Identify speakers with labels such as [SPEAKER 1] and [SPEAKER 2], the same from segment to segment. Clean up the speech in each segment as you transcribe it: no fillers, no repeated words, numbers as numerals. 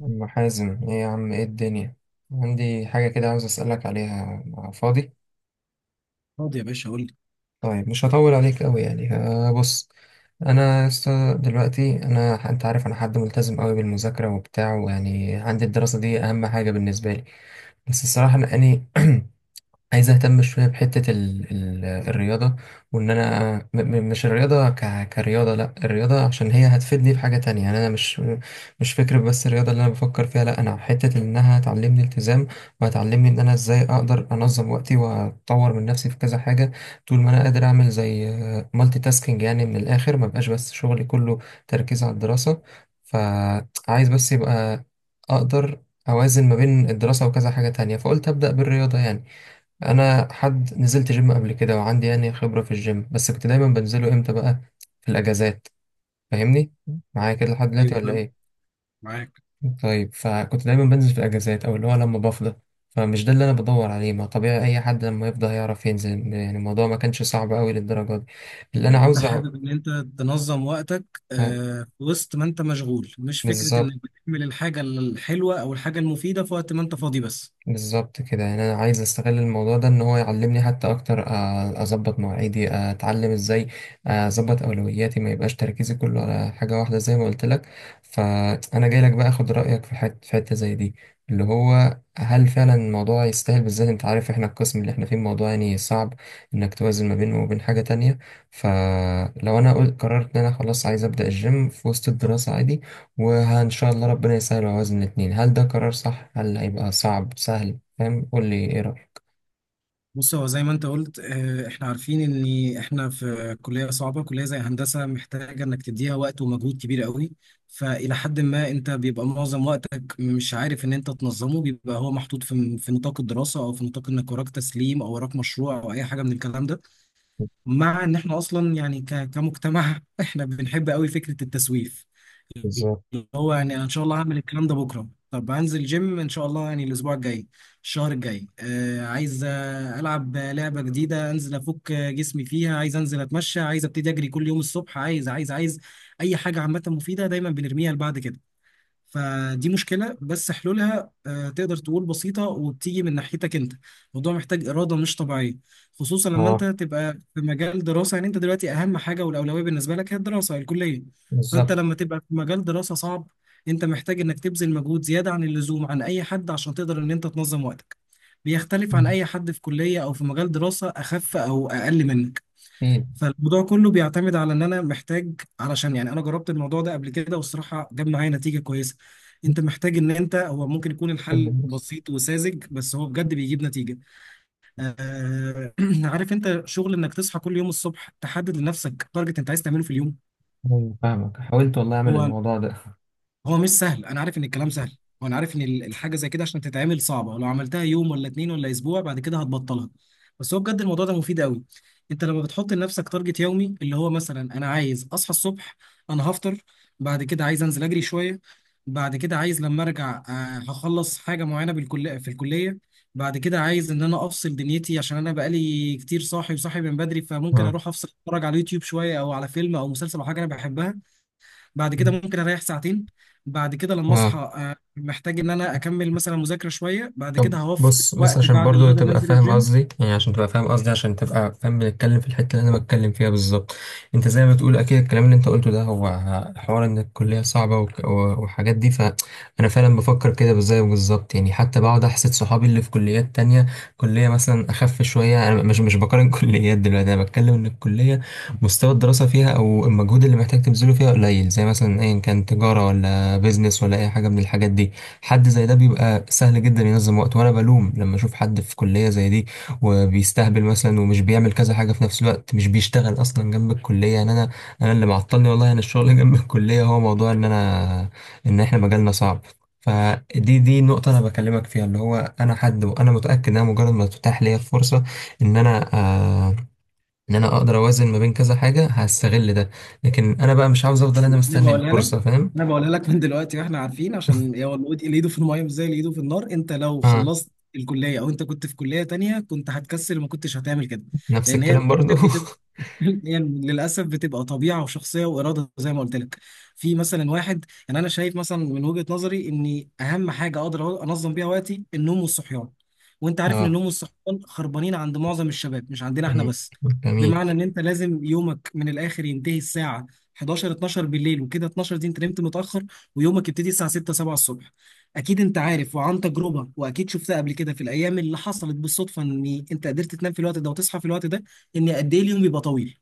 [SPEAKER 1] أم حازم، ايه يا عم؟ ايه الدنيا؟ عندي حاجة كده عاوز أسألك عليها. فاضي؟
[SPEAKER 2] فاضي يا باشا، قول لي.
[SPEAKER 1] طيب مش هطول عليك أوي. بص. أنا است- دلوقتي أنا، أنت عارف، أنا حد ملتزم أوي بالمذاكرة وبتاع، ويعني عندي الدراسة دي أهم حاجة بالنسبة لي. بس الصراحة أنا عايز اهتم شويه بحته ال الرياضه. وان انا م م مش الرياضه كرياضه، لا، الرياضه عشان هي هتفيدني في حاجه تانية. يعني انا مش فكره بس الرياضه اللي انا بفكر فيها، لا، انا حته انها هتعلمني التزام، وهتعلمني ان انا ازاي اقدر انظم وقتي واطور من نفسي في كذا حاجه. طول ما انا قادر اعمل زي مالتي تاسكينج يعني، من الاخر، ما بقاش بس شغلي كله تركيز على الدراسه. فعايز بس يبقى اقدر اوازن ما بين الدراسه وكذا حاجه تانية، فقلت ابدا بالرياضه يعني. انا حد نزلت جيم قبل كده وعندي يعني خبره في الجيم، بس كنت دايما بنزله امتى بقى؟ في الاجازات. فاهمني؟ معايا كده لحد دلوقتي
[SPEAKER 2] ايوه،
[SPEAKER 1] ولا
[SPEAKER 2] فاهم،
[SPEAKER 1] ايه؟
[SPEAKER 2] معاك.
[SPEAKER 1] طيب، فكنت دايما بنزل في الاجازات، او اللي هو لما بفضى. فمش ده اللي انا بدور عليه، ما طبيعي اي حد لما يفضى هيعرف ينزل، يعني الموضوع ما كانش صعب قوي للدرجه دي. اللي انا
[SPEAKER 2] يعني انت
[SPEAKER 1] عاوز أع-
[SPEAKER 2] حابب ان انت تنظم وقتك، في وسط ما انت مشغول، مش فكره
[SPEAKER 1] بالظبط.
[SPEAKER 2] انك بتعمل الحاجه الحلوه او الحاجه المفيده في وقت ما انت فاضي بس.
[SPEAKER 1] بالظبط كده. يعني انا عايز استغل الموضوع ده ان هو يعلمني حتى اكتر، اظبط مواعيدي، اتعلم ازاي اظبط اولوياتي، ما يبقاش تركيزي كله على حاجه واحده زي ما قلت لك. فانا جاي لك بقى اخد رايك في حته زي دي، اللي هو هل فعلا الموضوع يستاهل؟ بالذات انت عارف احنا القسم اللي احنا فيه الموضوع يعني صعب انك توازن ما بينه وبين حاجه تانية. فلو انا قررت ان انا خلاص عايز ابدا الجيم في وسط الدراسه عادي، وإن شاء الله ربنا يسهل ويوازن الاتنين، هل ده قرار صح؟ هل هيبقى صعب سهل؟ فاهم؟ قول لي ايه رأيك.
[SPEAKER 2] بص، هو زي ما انت قلت، احنا عارفين ان احنا في كليه صعبه، كليه زي هندسه محتاجه انك تديها وقت ومجهود كبير قوي. فالى حد ما انت بيبقى معظم وقتك مش عارف ان انت تنظمه، بيبقى هو محطوط في نطاق الدراسه او في نطاق انك وراك تسليم او وراك مشروع او اي حاجه من الكلام ده. مع ان احنا اصلا يعني كمجتمع احنا بنحب قوي فكره التسويف، اللي
[SPEAKER 1] بالظبط.
[SPEAKER 2] هو يعني انا ان شاء الله هعمل الكلام ده بكره. طب هنزل جيم ان شاء الله يعني الاسبوع الجاي، الشهر الجاي، عايز، العب لعبه جديده، انزل افك جسمي فيها، عايز انزل اتمشى، عايز ابتدي اجري كل يوم الصبح، عايز عايز عايز اي حاجه عامه مفيده دايما بنرميها لبعد كده. فدي مشكلة بس حلولها تقدر تقول بسيطة وبتيجي من ناحيتك انت. الموضوع محتاج إرادة مش طبيعية، خصوصا لما انت
[SPEAKER 1] اه،
[SPEAKER 2] تبقى في مجال دراسة. يعني انت دلوقتي أهم حاجة والأولوية بالنسبة لك هي الدراسة الكلية. فانت
[SPEAKER 1] بالظبط.
[SPEAKER 2] لما تبقى في مجال دراسة صعب، انت محتاج انك تبذل مجهود زيادة عن اللزوم عن أي حد عشان تقدر ان انت تنظم وقتك. بيختلف عن
[SPEAKER 1] مم،
[SPEAKER 2] أي حد في كلية أو في مجال دراسة أخف أو أقل منك.
[SPEAKER 1] ايه؟
[SPEAKER 2] فالموضوع كله بيعتمد على ان انا محتاج، علشان يعني انا جربت الموضوع ده قبل كده والصراحه جاب معايا نتيجه كويسه. انت محتاج ان انت، هو ممكن يكون
[SPEAKER 1] اللي
[SPEAKER 2] الحل
[SPEAKER 1] بيحصل؟
[SPEAKER 2] بسيط وساذج بس هو بجد بيجيب نتيجه. آه عارف انت، شغل انك تصحى كل يوم الصبح، تحدد لنفسك تارجت انت عايز تعمله في اليوم.
[SPEAKER 1] أيوة، فاهمك، حاولت والله اعمل
[SPEAKER 2] هو
[SPEAKER 1] الموضوع ده.
[SPEAKER 2] هو مش سهل، انا عارف ان الكلام سهل، وانا عارف ان الحاجه زي كده عشان تتعمل صعبه، ولو عملتها يوم ولا اتنين ولا اسبوع بعد كده هتبطلها، بس هو بجد الموضوع ده مفيد قوي. انت لما بتحط لنفسك تارجت يومي اللي هو مثلا، انا عايز اصحى الصبح، انا هفطر، بعد كده عايز انزل اجري شويه، بعد كده عايز لما ارجع، هخلص حاجه معينه بالكليه في الكليه، بعد كده عايز ان انا افصل دنيتي، عشان انا بقالي كتير صاحي وصاحي من بدري، فممكن
[SPEAKER 1] اه.
[SPEAKER 2] اروح افصل اتفرج على اليوتيوب شويه او على فيلم او مسلسل او حاجه انا بحبها، بعد كده
[SPEAKER 1] مم.
[SPEAKER 2] ممكن اريح ساعتين، بعد كده لما
[SPEAKER 1] اه.
[SPEAKER 2] اصحى محتاج ان انا اكمل مثلا مذاكره شويه، بعد
[SPEAKER 1] طب
[SPEAKER 2] كده هوفر
[SPEAKER 1] بص، بص
[SPEAKER 2] وقت
[SPEAKER 1] عشان
[SPEAKER 2] بعد
[SPEAKER 1] برضو
[SPEAKER 2] الغدا
[SPEAKER 1] تبقى
[SPEAKER 2] ننزل
[SPEAKER 1] فاهم
[SPEAKER 2] الجيم.
[SPEAKER 1] قصدي يعني عشان تبقى فاهم قصدي عشان تبقى فاهم بنتكلم في الحتة اللي انا بتكلم فيها بالظبط. انت زي ما بتقول، اكيد الكلام اللي انت قلته ده هو حوار ان الكلية صعبة و وحاجات دي. فانا فعلا بفكر كده بالزي بالظبط. يعني حتى بقعد احسد صحابي اللي في كليات تانية، كلية مثلا اخف شوية. انا مش بقارن كليات دلوقتي، انا بتكلم ان الكلية مستوى الدراسة فيها او المجهود اللي محتاج تبذله فيها قليل، زي مثلا ايا كان تجارة ولا بيزنس ولا اي حاجة من الحاجات دي. حد زي ده بيبقى سهل جدا ينظم وقته، وانا بلوم لما اشوف حد في كلية زي دي وبيستهبل مثلا ومش بيعمل كذا حاجة في نفس الوقت، مش بيشتغل اصلا جنب الكلية. يعني انا اللي معطلني والله انا الشغل جنب الكلية، هو موضوع ان انا، ان احنا مجالنا صعب. فدي النقطة أنا بكلمك فيها، اللي هو أنا حد وأنا متأكد إن أنا مجرد ما تتاح ليا الفرصة، إن أنا آه إن أنا أقدر أوازن ما بين كذا حاجة، هستغل ده. لكن أنا بقى مش عاوز أفضل أنا
[SPEAKER 2] انا
[SPEAKER 1] مستني
[SPEAKER 2] بقولها لك،
[SPEAKER 1] الفرصة، فاهم؟
[SPEAKER 2] انا بقولها لك من دلوقتي، واحنا عارفين عشان، يا والله اللي ايده في الميه مش زي اللي ايده في النار، انت لو
[SPEAKER 1] آه،
[SPEAKER 2] خلصت الكليه او انت كنت في كليه تانية كنت هتكسل وما كنتش هتعمل كده.
[SPEAKER 1] نفس
[SPEAKER 2] لان هي في
[SPEAKER 1] الكلام برضو.
[SPEAKER 2] الاخر يعني للاسف بتبقى طبيعه وشخصيه واراده زي ما قلت لك. في مثلا واحد، يعني انا شايف مثلا من وجهه نظري ان اهم حاجه اقدر انظم بيها وقتي النوم والصحيان. وانت عارف ان
[SPEAKER 1] اه.
[SPEAKER 2] النوم والصحيان خربانين عند معظم الشباب، مش عندنا احنا
[SPEAKER 1] مم.
[SPEAKER 2] بس.
[SPEAKER 1] جميل.
[SPEAKER 2] بمعنى ان انت لازم يومك من الاخر ينتهي الساعه 11 12 بالليل، وكده 12 دي انت نمت متاخر، ويومك يبتدي الساعه 6 7 الصبح. اكيد انت عارف وعن تجربه، واكيد شفتها قبل كده في الايام اللي حصلت بالصدفه ان انت قدرت تنام في الوقت ده وتصحى في الوقت ده، ان قد ايه اليوم بيبقى طويل،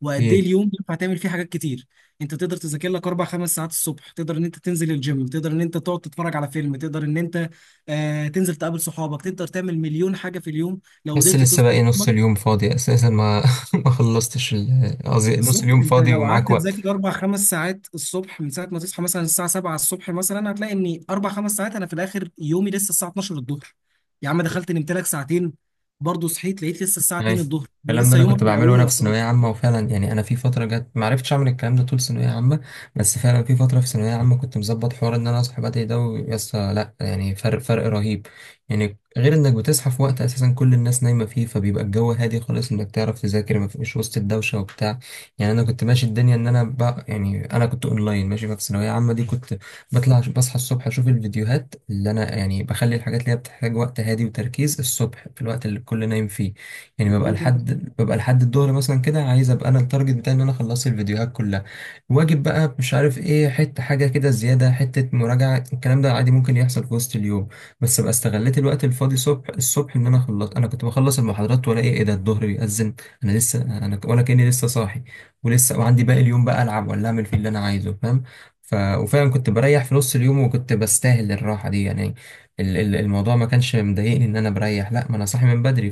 [SPEAKER 2] وقد
[SPEAKER 1] أكيد.
[SPEAKER 2] ايه اليوم ينفع تعمل فيه حاجات كتير. انت تقدر تذاكر لك اربع خمس ساعات الصبح، تقدر ان انت تنزل الجيم، تقدر ان انت تقعد تتفرج على فيلم، تقدر ان انت تنزل تقابل صحابك، تقدر تعمل مليون حاجه في اليوم لو
[SPEAKER 1] بس
[SPEAKER 2] قدرت
[SPEAKER 1] لسه
[SPEAKER 2] تظبط
[SPEAKER 1] باقي نص
[SPEAKER 2] يومك.
[SPEAKER 1] اليوم فاضي أساسا، ما ما قصدي نص
[SPEAKER 2] بالظبط،
[SPEAKER 1] اليوم
[SPEAKER 2] انت
[SPEAKER 1] فاضي
[SPEAKER 2] لو
[SPEAKER 1] ومعاك
[SPEAKER 2] قعدت
[SPEAKER 1] وقت.
[SPEAKER 2] تذاكر اربع خمس ساعات الصبح من ساعه ما تصحى مثلا الساعه 7 الصبح، مثلا هتلاقي ان اربع خمس ساعات انا في الاخر يومي لسه الساعه 12 الظهر، يا عم دخلت نمت لك ساعتين، برضه صحيت لقيت لسه الساعه
[SPEAKER 1] أي،
[SPEAKER 2] 2 الظهر، يعني
[SPEAKER 1] الكلام ده
[SPEAKER 2] لسه
[SPEAKER 1] انا كنت
[SPEAKER 2] يومك من
[SPEAKER 1] بعمله
[SPEAKER 2] اوله
[SPEAKER 1] وانا في
[SPEAKER 2] يعتبر.
[SPEAKER 1] ثانويه عامه، وفعلا يعني انا في فتره جت ما عرفتش اعمل الكلام ده طول ثانويه عامه، بس فعلا في فتره في ثانويه عامه كنت مظبط حوار ان انا اصحى بدري ده ويسا لا، يعني فرق رهيب. يعني غير انك بتصحى في وقت اساسا كل الناس نايمه فيه، فبيبقى الجو هادي خالص، انك تعرف تذاكر ما فيش وسط الدوشه وبتاع. يعني انا كنت ماشي الدنيا ان انا بقى، يعني انا كنت اونلاين ماشي. ففي ثانويه عامه دي كنت بطلع بصحى الصبح اشوف الفيديوهات، اللي انا يعني بخلي الحاجات اللي هي بتحتاج وقت هادي وتركيز الصبح في الوقت اللي الكل نايم فيه. يعني ببقى
[SPEAKER 2] مظبوط.
[SPEAKER 1] لحد ببقى لحد الظهر مثلا كده، عايز ابقى انا التارجت بتاعي ان انا خلصت الفيديوهات كلها. واجب بقى، مش عارف ايه، حته حاجه كده زياده، حته مراجعه، الكلام ده عادي ممكن يحصل في وسط اليوم. بس ابقى استغليت الوقت الفاضي صبح الصبح، ان انا خلص، انا كنت بخلص المحاضرات والاقي ايه ده الظهر بيأذن، انا لسه انا ولا كاني لسه صاحي ولسه، وعندي باقي اليوم بقى، العب ولا اعمل فيه اللي انا عايزه، فاهم؟ وفعلا كنت بريح في نص اليوم وكنت بستاهل الراحه دي. يعني الموضوع ما كانش مضايقني ان انا بريح، لا، ما انا صاحي من بدري،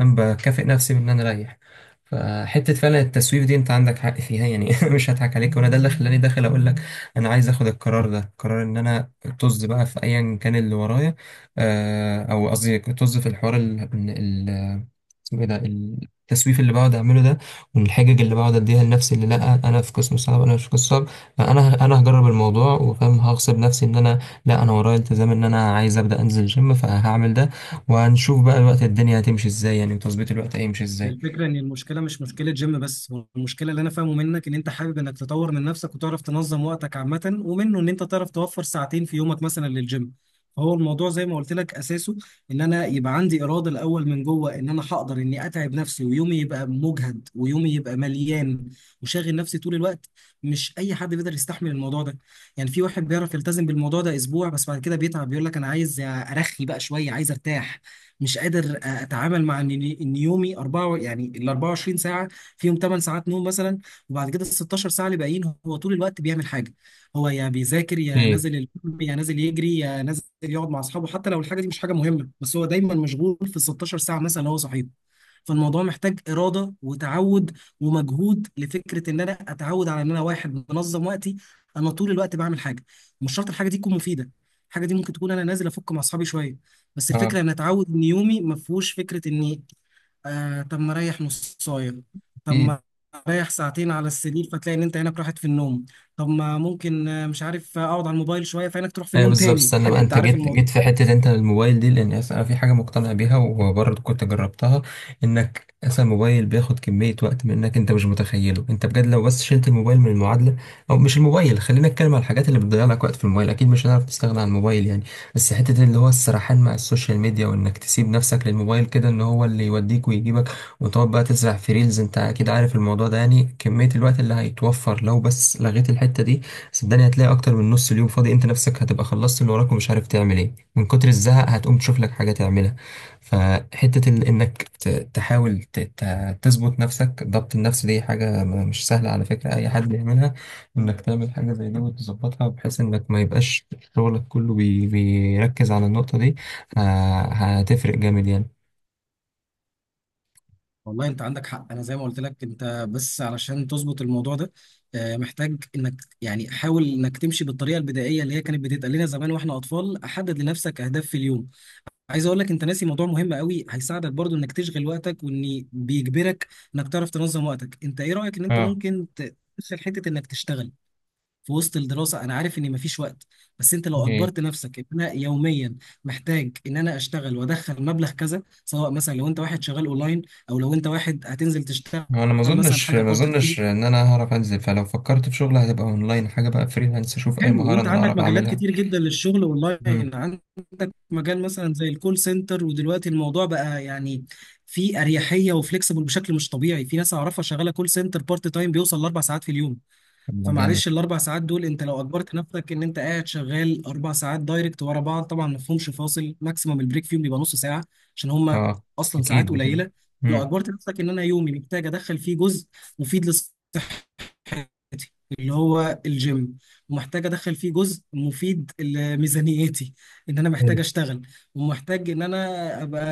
[SPEAKER 1] بكافئ نفسي بان انا اريح. فحته فعلا التسويف دي، انت عندك حق فيها يعني. مش هضحك عليك، وانا ده اللي خلاني داخل اقول لك انا عايز اخد القرار ده، قرار ان انا طز بقى في ايا كان اللي ورايا، او قصدي طز في الحوار اسمه ايه ده، التسويف اللي بقعد اعمله ده، والحجج اللي بقعد اديها لنفسي، اللي لا انا في قسم صعب. انا مش في قسم صعب. انا هجرب الموضوع، وفاهم هغصب نفسي ان انا، لا انا ورايا التزام، ان انا عايز ابدا انزل جيم فهعمل ده، وهنشوف بقى الوقت الدنيا هتمشي ازاي يعني، وتظبيط الوقت هيمشي
[SPEAKER 2] هي
[SPEAKER 1] ازاي.
[SPEAKER 2] الفكرة إن المشكلة مش مشكلة جيم بس، هو المشكلة اللي أنا فاهمه منك إن أنت حابب إنك تطور من نفسك وتعرف تنظم وقتك عامة، ومنه إن أنت تعرف توفر ساعتين في يومك مثلا للجيم. فهو الموضوع زي ما قلت لك أساسه إن أنا يبقى عندي إرادة الأول من جوه، إن أنا هقدر إني أتعب نفسي ويومي يبقى مجهد ويومي يبقى مليان وشاغل نفسي طول الوقت. مش أي حد بيقدر يستحمل الموضوع ده، يعني في واحد بيعرف يلتزم بالموضوع ده أسبوع بس بعد كده بيتعب بيقول لك أنا عايز أرخي بقى شوية عايز أرتاح، مش قادر اتعامل مع ان يومي 4 يعني ال 24 ساعه فيهم 8 ساعات نوم مثلا، وبعد كده ال 16 ساعه اللي باقيين هو طول الوقت بيعمل حاجه. هو يا بيذاكر يا
[SPEAKER 1] اكيد.
[SPEAKER 2] نازل الجيم يا نازل يجري يا نازل يقعد مع اصحابه، حتى لو الحاجه دي مش حاجه مهمه، بس هو دايما مشغول في ال 16 ساعه مثلا، اللي هو صحيح. فالموضوع محتاج اراده وتعود ومجهود لفكره ان انا اتعود على ان انا واحد منظم وقتي، انا طول الوقت بعمل حاجه، مش شرط الحاجه دي تكون مفيده، الحاجه دي ممكن تكون انا نازل افك مع اصحابي شويه. بس
[SPEAKER 1] اه.
[SPEAKER 2] الفكره ان اتعود ان يومي ما فيهوش فكره اني طب ما اريح نصايه، طب
[SPEAKER 1] اكيد.
[SPEAKER 2] ما اريح ساعتين على السرير فتلاقي ان انت عينك راحت في النوم، طب ما ممكن، مش عارف، اقعد على الموبايل شويه فعينك تروح في
[SPEAKER 1] ايوه
[SPEAKER 2] النوم
[SPEAKER 1] بالظبط،
[SPEAKER 2] تاني
[SPEAKER 1] استنى
[SPEAKER 2] يعني
[SPEAKER 1] بقى،
[SPEAKER 2] انت
[SPEAKER 1] انت
[SPEAKER 2] عارف
[SPEAKER 1] جيت جيت
[SPEAKER 2] الموضوع.
[SPEAKER 1] في حته انت الموبايل دي، لان اصلا انا في حاجه مقتنع بيها وبرضه كنت جربتها، انك اصلا الموبايل بياخد كميه وقت منك انت مش متخيله. انت بجد لو بس شلت الموبايل من المعادله، او مش الموبايل، خلينا نتكلم على الحاجات اللي بتضيع لك وقت في الموبايل، اكيد مش هنعرف نستغنى عن الموبايل يعني، بس حته اللي هو السرحان مع السوشيال ميديا، وانك تسيب نفسك للموبايل كده ان هو اللي يوديك ويجيبك، وتقعد بقى تزرع في ريلز، انت اكيد عارف الموضوع ده. يعني كميه الوقت اللي هيتوفر لو بس لغيت الحته دي، صدقني هتلاقي اكتر من نص اليوم فاضي، انت نفسك هتبقى خلصت اللي وراك ومش عارف تعمل ايه من كتر الزهق، هتقوم تشوف لك حاجة تعملها. فحتة ال- انك ت- تحاول تظبط نفسك، ضبط النفس دي حاجة مش سهلة على فكرة اي حد يعملها، انك تعمل حاجة زي دي وتظبطها بحيث انك ما يبقاش شغلك كله بيركز على النقطة دي، ه- هتفرق جامد يعني.
[SPEAKER 2] والله انت عندك حق، انا زي ما قلت لك، انت بس علشان تظبط الموضوع ده محتاج انك، يعني حاول انك تمشي بالطريقه البدائيه اللي هي كانت بتتقال لنا زمان واحنا اطفال، احدد لنفسك اهداف في اليوم. عايز اقول لك، انت ناسي موضوع مهم قوي هيساعدك برضو انك تشغل وقتك وان بيجبرك انك تعرف تنظم وقتك، انت ايه رايك ان انت
[SPEAKER 1] اه.
[SPEAKER 2] ممكن تدخل حته انك تشتغل في وسط الدراسه. انا عارف ان مفيش وقت، بس انت لو
[SPEAKER 1] ايه.
[SPEAKER 2] اجبرت نفسك ان انا يوميا محتاج ان انا اشتغل وادخل مبلغ كذا، سواء مثلا لو انت واحد شغال اونلاين، او لو انت واحد هتنزل تشتغل
[SPEAKER 1] هو انا ما
[SPEAKER 2] مثلا
[SPEAKER 1] اظنش
[SPEAKER 2] حاجه
[SPEAKER 1] ما
[SPEAKER 2] بارت تايم.
[SPEAKER 1] اظنش ان انا هعرف انزل، فلو فكرت في شغل هتبقى اونلاين حاجه بقى، فريلانس، اشوف اي
[SPEAKER 2] حلو،
[SPEAKER 1] مهاره
[SPEAKER 2] وانت
[SPEAKER 1] انا
[SPEAKER 2] عندك
[SPEAKER 1] بعرف
[SPEAKER 2] مجالات
[SPEAKER 1] اعملها.
[SPEAKER 2] كتير جدا للشغل
[SPEAKER 1] مم.
[SPEAKER 2] اونلاين، عندك مجال مثلا زي الكول سنتر، ودلوقتي الموضوع بقى يعني في اريحيه وفليكسبل بشكل مش طبيعي، في ناس اعرفها شغاله كول سنتر بارت تايم بيوصل لاربع ساعات في اليوم.
[SPEAKER 1] طب ده جامد.
[SPEAKER 2] فمعلش، الاربع ساعات دول انت لو اجبرت نفسك ان انت قاعد شغال اربع ساعات دايركت ورا بعض، طبعا ما فيهمش فاصل، ماكسيمم البريك فيهم بيبقى نص ساعه عشان هم
[SPEAKER 1] اه،
[SPEAKER 2] اصلا ساعات
[SPEAKER 1] اكيد. اكيد.
[SPEAKER 2] قليله. لو
[SPEAKER 1] مم.
[SPEAKER 2] اجبرت نفسك ان انا يومي محتاج ادخل فيه جزء مفيد لصحتي، ميزانيتي، اللي هو الجيم، ومحتاج ادخل فيه جزء مفيد لميزانيتي ان انا
[SPEAKER 1] حلو.
[SPEAKER 2] محتاج اشتغل، ومحتاج ان انا ابقى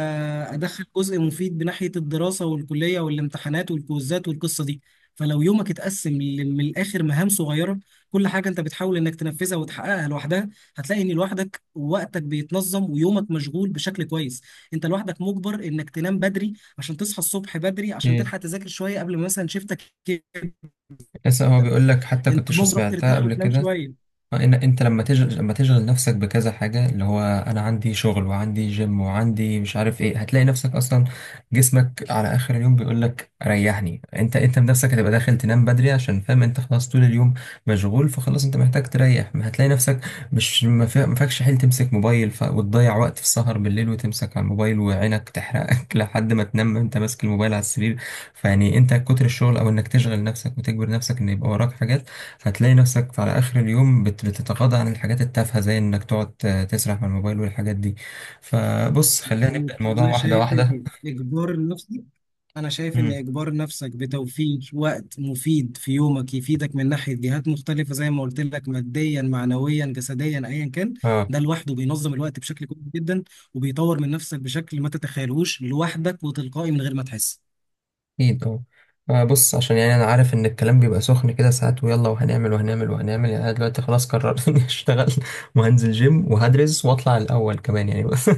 [SPEAKER 2] ادخل جزء مفيد بناحية الدراسة والكلية والامتحانات والكوزات والقصة دي. فلو يومك اتقسم من الاخر مهام صغيرة، كل حاجة انت بتحاول انك تنفذها وتحققها لوحدها، هتلاقي ان لوحدك وقتك بيتنظم ويومك مشغول بشكل كويس. انت لوحدك مجبر انك تنام بدري عشان تصحى الصبح بدري، عشان
[SPEAKER 1] ايه،
[SPEAKER 2] تلحق تذاكر شوية قبل ما مثلا شيفتك،
[SPEAKER 1] لسه هو بيقول لك، حتى
[SPEAKER 2] انت
[SPEAKER 1] كنتش
[SPEAKER 2] ممكن تروح
[SPEAKER 1] سمعتها
[SPEAKER 2] ترتاح
[SPEAKER 1] قبل
[SPEAKER 2] وتنام
[SPEAKER 1] كده.
[SPEAKER 2] شويه.
[SPEAKER 1] آه، ان انت لما تشغل، لما تشغل نفسك بكذا حاجه، اللي هو انا عندي شغل وعندي جيم وعندي مش عارف ايه، هتلاقي نفسك اصلا، جسمك على اخر اليوم بيقول لك ريحني. انت بنفسك هتبقى داخل تنام بدري عشان فاهم انت خلاص طول اليوم مشغول، فخلاص انت محتاج تريح. ما هتلاقي نفسك مش ما فيكش حيل تمسك موبايل وتضيع وقت في السهر بالليل وتمسك على الموبايل وعينك تحرقك لحد ما تنام انت ماسك الموبايل على السرير. فيعني انت كتر الشغل او انك تشغل نفسك وتجبر نفسك ان يبقى وراك حاجات، فتلاقي نفسك على آخر اليوم بتتغاضى عن الحاجات التافهة زي إنك تقعد تسرح من الموبايل والحاجات دي. فبص، خلينا نبدأ
[SPEAKER 2] مظبوط.
[SPEAKER 1] الموضوع واحدة واحدة.
[SPEAKER 2] اجبار نفسك انا شايف ان
[SPEAKER 1] مم.
[SPEAKER 2] اجبار نفسك بتوفير وقت مفيد في يومك يفيدك من ناحيه جهات مختلفه زي ما قلت لك، ماديا، معنويا، جسديا، ايا كان.
[SPEAKER 1] اه.
[SPEAKER 2] ده لوحده بينظم الوقت بشكل كويس جدا، وبيطور من نفسك بشكل ما تتخيلوش لوحدك وتلقائي من غير ما تحس.
[SPEAKER 1] اكيد طبعا. آه، بص، عشان يعني انا عارف ان الكلام بيبقى سخن كده ساعات، ويلا وهنعمل وهنعمل يعني، انا دلوقتي خلاص قررت اني اشتغل وهنزل جيم وهدرس واطلع الاول كمان يعني. بس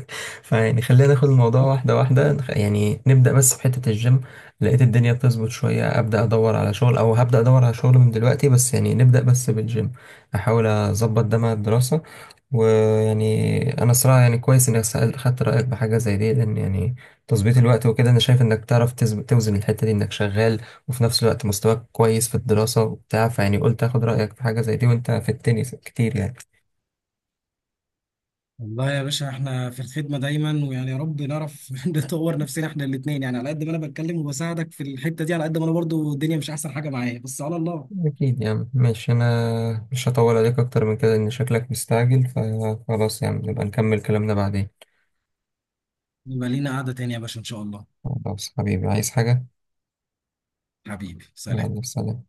[SPEAKER 1] فيعني خلينا ناخد الموضوع واحده واحده، يعني نبدا بس بحته الجيم، لقيت الدنيا بتظبط شويه ابدا ادور على شغل، او هبدا ادور على شغل من دلوقتي، بس يعني نبدا بس بالجيم، احاول اظبط ده مع الدراسه. ويعني انا صراحه يعني كويس اني خدت رايك بحاجه زي دي، لان يعني تظبيط الوقت وكده، انا شايف انك تعرف توزن الحتة دي انك شغال وفي نفس الوقت مستواك كويس في الدراسة وبتاع، فيعني قلت اخد رأيك في حاجة زي دي، وانت في التنس كتير يعني.
[SPEAKER 2] والله يا باشا، احنا في الخدمة دايما، ويعني يا رب نعرف نطور نفسنا احنا الاتنين، يعني على قد ما انا بتكلم وبساعدك في الحتة دي، على قد ما انا برضو الدنيا مش احسن حاجة معايا، بس على الله.
[SPEAKER 1] اكيد يا عم، ماشي، انا مش هطول عليك اكتر من كده ان شكلك مستعجل، فخلاص يا عم نبقى نكمل كلامنا بعدين.
[SPEAKER 2] يبقى لينا قعدة تانية يا باشا، إن شاء الله.
[SPEAKER 1] خلاص حبيبي، عايز حاجة؟
[SPEAKER 2] حبيبي سلام.
[SPEAKER 1] يلا سلام.